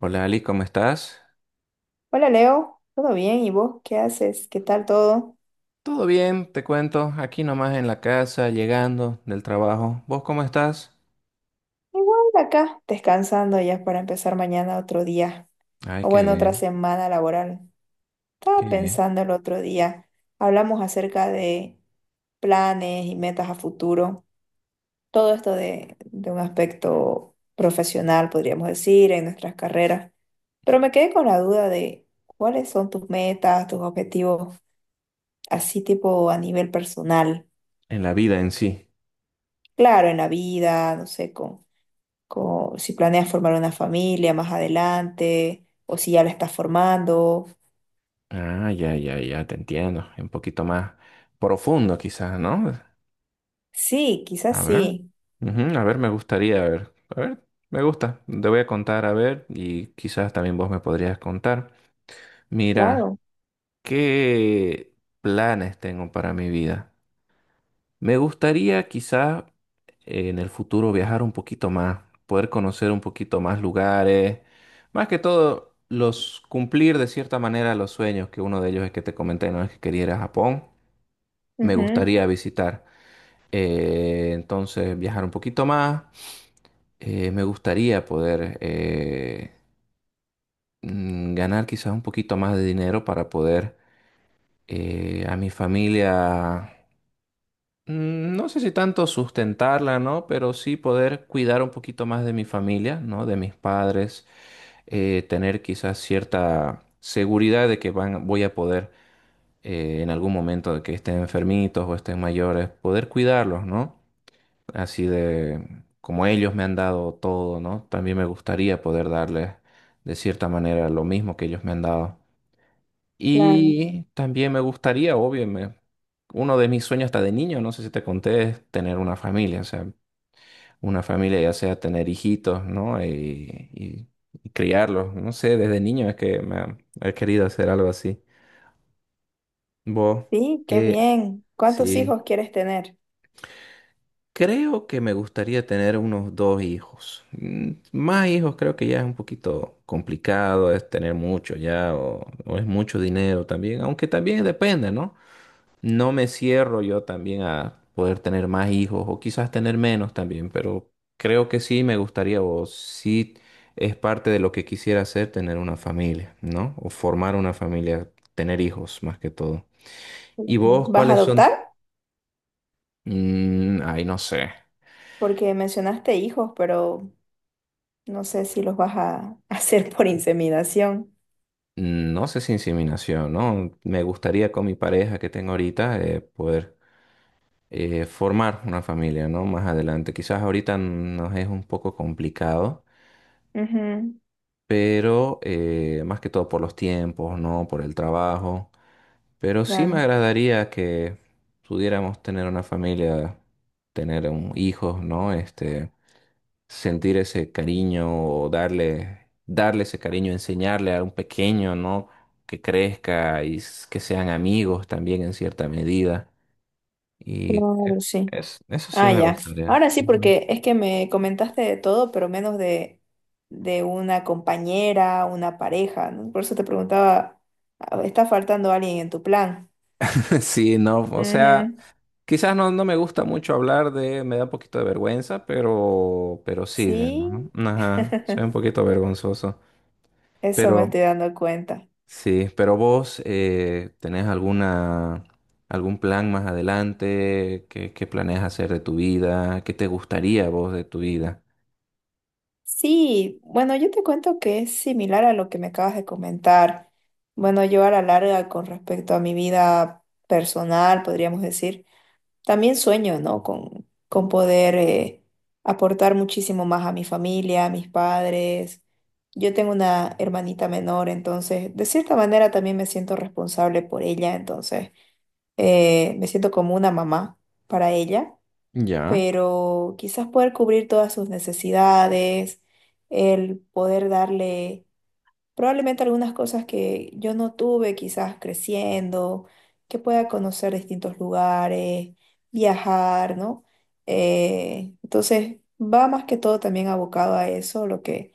Hola Ali, ¿cómo estás? Hola Leo, ¿todo bien? ¿Y vos qué haces? ¿Qué tal todo? Todo bien, te cuento, aquí nomás en la casa, llegando del trabajo. ¿Vos cómo estás? Igual acá, descansando ya para empezar mañana otro día, Ay, o qué bueno, otra bien, semana laboral. qué Estaba bien. pensando el otro día, hablamos acerca de planes y metas a futuro, todo esto de un aspecto profesional, podríamos decir, en nuestras carreras, pero me quedé con la duda de cuáles son tus metas, tus objetivos, así tipo a nivel personal. En la vida en sí. Claro, en la vida, no sé, como si planeas formar una familia más adelante o si ya la estás formando. Ah, ya, ya, ya, te entiendo. Un poquito más profundo quizás, ¿no? Sí, A quizás ver. sí, Ujú, a ver, me gustaría, a ver. A ver, me gusta. Te voy a contar, a ver, y quizás también vos me podrías contar. Mira, claro. ¿qué planes tengo para mi vida? Me gustaría quizás en el futuro viajar un poquito más, poder conocer un poquito más lugares, más que todo los cumplir de cierta manera los sueños, que uno de ellos es que te comenté, no es que quería ir a Japón, me Ujú, gustaría visitar. Entonces viajar un poquito más. Me gustaría poder ganar quizás un poquito más de dinero para poder a mi familia. No sé si tanto sustentarla, ¿no? Pero sí poder cuidar un poquito más de mi familia, ¿no? De mis padres, tener quizás cierta seguridad de que van, voy a poder en algún momento de que estén enfermitos o estén mayores, poder cuidarlos, ¿no? Así de como ellos me han dado todo, ¿no? También me gustaría poder darles de cierta manera lo mismo que ellos me han dado. claro. Y también me gustaría, obvio, uno de mis sueños hasta de niño, no sé si te conté, es tener una familia, o sea, una familia ya sea tener hijitos, ¿no? Y criarlos, no sé, desde niño es que he querido hacer algo así. Vos, Sí, qué eh, bien. ¿Cuántos sí, hijos quieres tener? creo que me gustaría tener unos dos hijos. Más hijos creo que ya es un poquito complicado, es tener mucho ya, o es mucho dinero también, aunque también depende, ¿no? No me cierro yo también a poder tener más hijos o quizás tener menos también, pero creo que sí me gustaría o sí es parte de lo que quisiera hacer tener una familia, ¿no? O formar una familia, tener hijos más que todo. Claro. ¿Y vos ¿Vas a cuáles son? adoptar? Mm, ay, no sé. Porque mencionaste hijos, pero no sé si los vas a hacer por inseminación. No sé si inseminación, ¿no? Me gustaría con mi pareja que tengo ahorita poder formar una familia, ¿no? Más adelante. Quizás ahorita nos es un poco complicado, Ujú, pero más que todo por los tiempos, ¿no? Por el trabajo. Pero sí me claro. agradaría que pudiéramos tener una familia, tener un hijos, ¿no? Este, sentir ese cariño o darle ese cariño, enseñarle a un pequeño, ¿no? Que crezca que sean amigos también en cierta medida. Y que Claro, sí. es, eso sí Ah, me ya. gustaría. Ahora sí, Ujú. porque es que me comentaste de todo, pero menos de una compañera, una pareja, ¿no? Por eso te preguntaba, ah, ¿está faltando alguien en tu plan? Sí, no, o sea. Ujú. Quizás no me gusta mucho hablar de, me da un poquito de vergüenza, pero sí, Sí, ¿no? Ajá, soy un poquito vergonzoso. eso me Pero estoy dando cuenta. sí, pero vos tenés alguna, algún plan más adelante, qué planeas hacer de tu vida, qué te gustaría vos de tu vida. Sí, bueno, yo te cuento que es similar a lo que me acabas de comentar. Bueno, yo a la larga con respecto a mi vida personal, podríamos decir. También sueño, ¿no? Con poder aportar muchísimo más a mi familia, a mis padres. Yo tengo una hermanita menor, entonces de cierta manera también me siento responsable por ella, entonces me siento como una mamá para ella, Ya. pero quizás poder cubrir todas sus necesidades, el poder darle probablemente algunas cosas que yo no tuve, quizás creciendo, que pueda conocer distintos lugares, viajar, ¿no? Entonces, va más que todo también abocado a eso,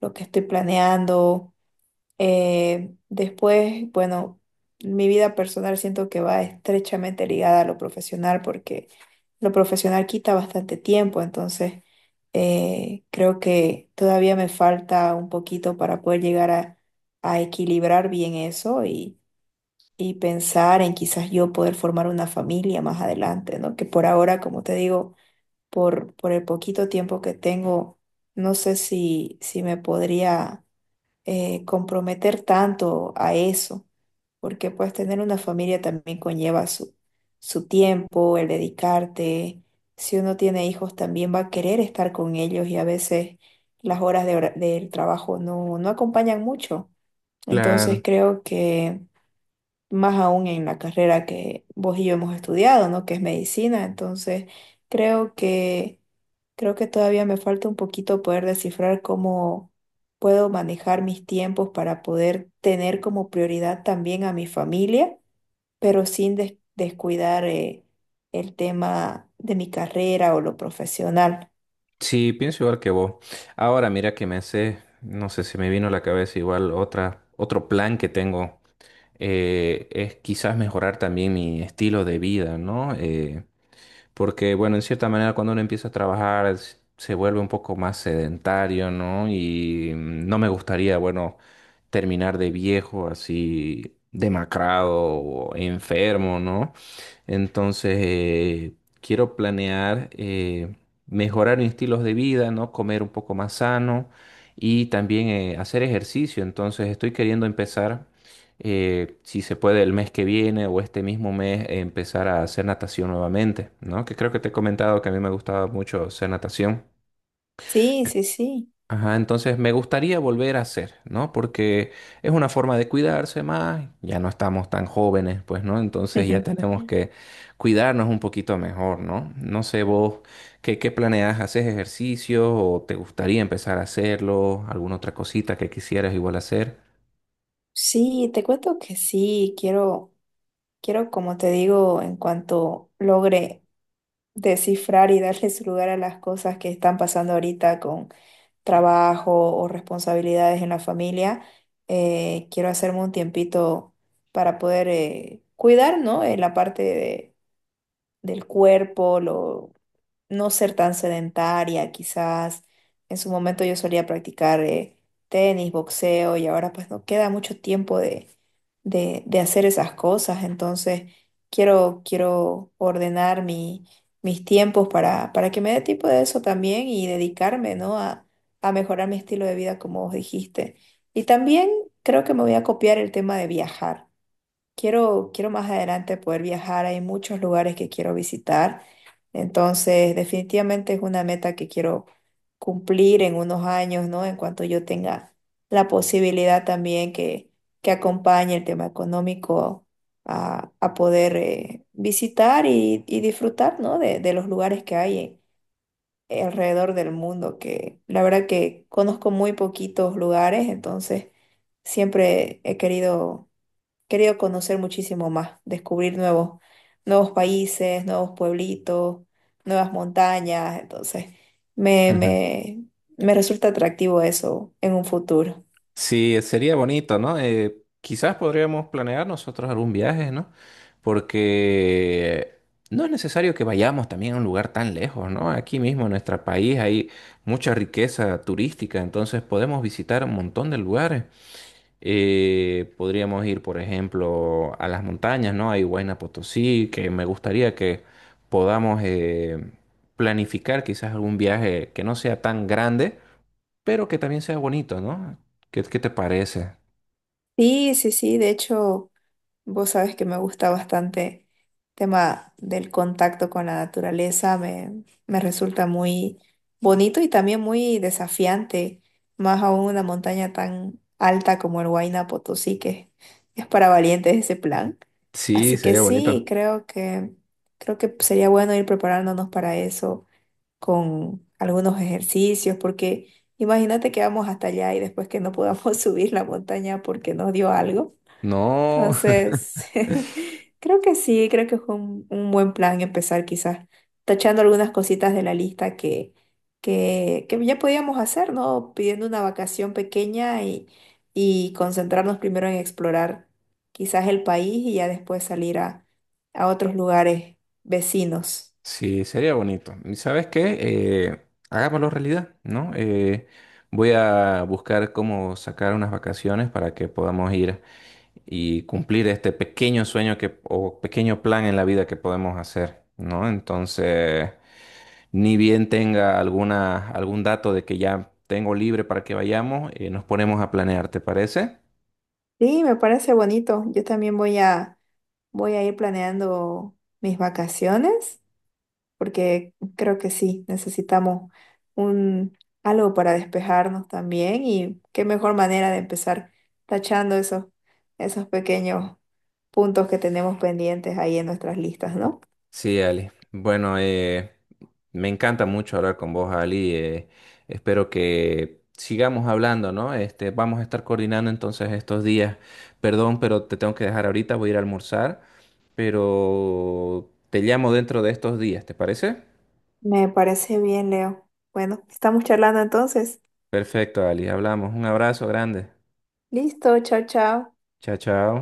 lo que estoy planeando. Después, bueno, mi vida personal siento que va estrechamente ligada a lo profesional porque lo profesional quita bastante tiempo, entonces creo que todavía me falta un poquito para poder llegar a equilibrar bien eso y pensar en quizás yo poder formar una familia más adelante, ¿no? Que por ahora, como te digo, por el poquito tiempo que tengo, no sé si me podría comprometer tanto a eso, porque pues tener una familia también conlleva su tiempo, el dedicarte. Si uno tiene hijos también va a querer estar con ellos y a veces las horas de del trabajo no acompañan mucho. Entonces Claro, creo que más aún en la carrera que vos y yo hemos estudiado, ¿no? Que es medicina. Entonces, creo que creo que todavía me falta un poquito poder descifrar cómo puedo manejar mis tiempos para poder tener como prioridad también a mi familia, pero sin descuidar el tema de mi carrera o lo profesional. sí, pienso igual que vos. Ahora mira que me hace, no sé si me vino a la cabeza igual otra, otro plan que tengo. Es quizás mejorar también mi estilo de vida, ¿no? Porque, bueno, en cierta manera cuando uno empieza a trabajar se vuelve un poco más sedentario, ¿no? Y no me gustaría, bueno, terminar de viejo así demacrado o enfermo, ¿no? Entonces, quiero planear mejorar mis estilos de vida, ¿no? Comer un poco más sano y también hacer ejercicio. Entonces, estoy queriendo empezar si se puede el mes que viene o este mismo mes empezar a hacer natación nuevamente, ¿no? Que creo que te he comentado que a mí me gustaba mucho hacer natación. Sí, sí, sí. Ajá, entonces me gustaría volver a hacer, ¿no? Porque es una forma de cuidarse más, ya no estamos tan jóvenes, pues, ¿no? Entonces ya tenemos que cuidarnos un poquito mejor, ¿no? No sé vos, ¿qué planeas? ¿Haces ejercicio o te gustaría empezar a hacerlo? ¿Alguna otra cosita que quisieras igual hacer? Sí, te cuento que sí, quiero, como te digo, en cuanto logre descifrar y darle su lugar a las cosas que están pasando ahorita con trabajo o responsabilidades en la familia, quiero hacerme un tiempito para poder cuidar, ¿no? La parte del cuerpo, lo, no ser tan sedentaria, quizás en su momento yo solía practicar tenis, boxeo y ahora pues no queda mucho tiempo de hacer esas cosas, entonces quiero ordenar mis tiempos para que me dé tiempo de eso también y dedicarme, ¿no? A mejorar mi estilo de vida como vos dijiste. Y también creo que me voy a copiar el tema de viajar. Quiero más adelante poder viajar, hay muchos lugares que quiero visitar, entonces definitivamente es una meta que quiero cumplir en unos años, ¿no? En cuanto yo tenga la posibilidad también que acompañe el tema económico a poder visitar y disfrutar, ¿no? De los lugares que hay alrededor del mundo, que la verdad que conozco muy poquitos lugares, entonces siempre he querido Querido conocer muchísimo más, descubrir nuevos países, nuevos pueblitos, nuevas montañas. Entonces, me, Ujú. me, me resulta atractivo eso en un futuro. Sí, sería bonito, ¿no? Quizás podríamos planear nosotros algún viaje, ¿no? Porque no es necesario que vayamos también a un lugar tan lejos, ¿no? Aquí mismo en nuestro país hay mucha riqueza turística, entonces podemos visitar un montón de lugares. Podríamos ir, por ejemplo, a las montañas, ¿no? Hay Huayna Potosí, que me gustaría que podamos planificar quizás algún viaje que no sea tan grande pero que también sea bonito, ¿no? ¿Qué te parece? Sí, sí, sí, de hecho. Vos sabés que me gusta bastante el tema del contacto con la naturaleza, me resulta muy bonito y también muy desafiante, más aún una montaña tan alta como el Huayna Potosí, que es para valientes ese plan. Sí, Así que sería sí, bonito. Creo que sería bueno ir preparándonos para eso con algunos ejercicios, porque imagínate que vamos hasta allá y después que no podamos subir la montaña porque nos dio algo. No, Entonces, creo que sí, creo que fue un buen plan empezar quizás tachando algunas cositas de la lista que ya podíamos hacer, ¿no? Pidiendo una vacación pequeña y concentrarnos primero en explorar quizás el país y ya después salir a otros lugares vecinos. sí, sería bonito. ¿Y sabes qué? Hagámoslo realidad, ¿no? Voy a buscar cómo sacar unas vacaciones para que podamos ir y cumplir este pequeño sueño que, o pequeño plan en la vida que podemos hacer, ¿no? Entonces, ni bien tenga alguna, algún dato de que ya tengo libre para que vayamos, nos ponemos a planear, ¿te parece? Sí, me parece bonito. Yo también voy a ir planeando mis vacaciones. Porque creo que sí, necesitamos un algo para despejarnos también y qué mejor manera de empezar tachando esos pequeños puntos que tenemos pendientes ahí en nuestras listas, ¿no? Sí, Ali. Bueno, me encanta mucho hablar con vos, Ali. Eh, espero que sigamos hablando, ¿no? Este, vamos a estar coordinando entonces estos días. Perdón, pero te tengo que dejar ahorita, voy a ir a almorzar, pero te llamo dentro de estos días, ¿te parece? Me parece bien, Leo. Bueno, estamos charlando entonces. Perfecto, Ali. Hablamos. Un abrazo grande. Listo, chao, chao. Chao, chao.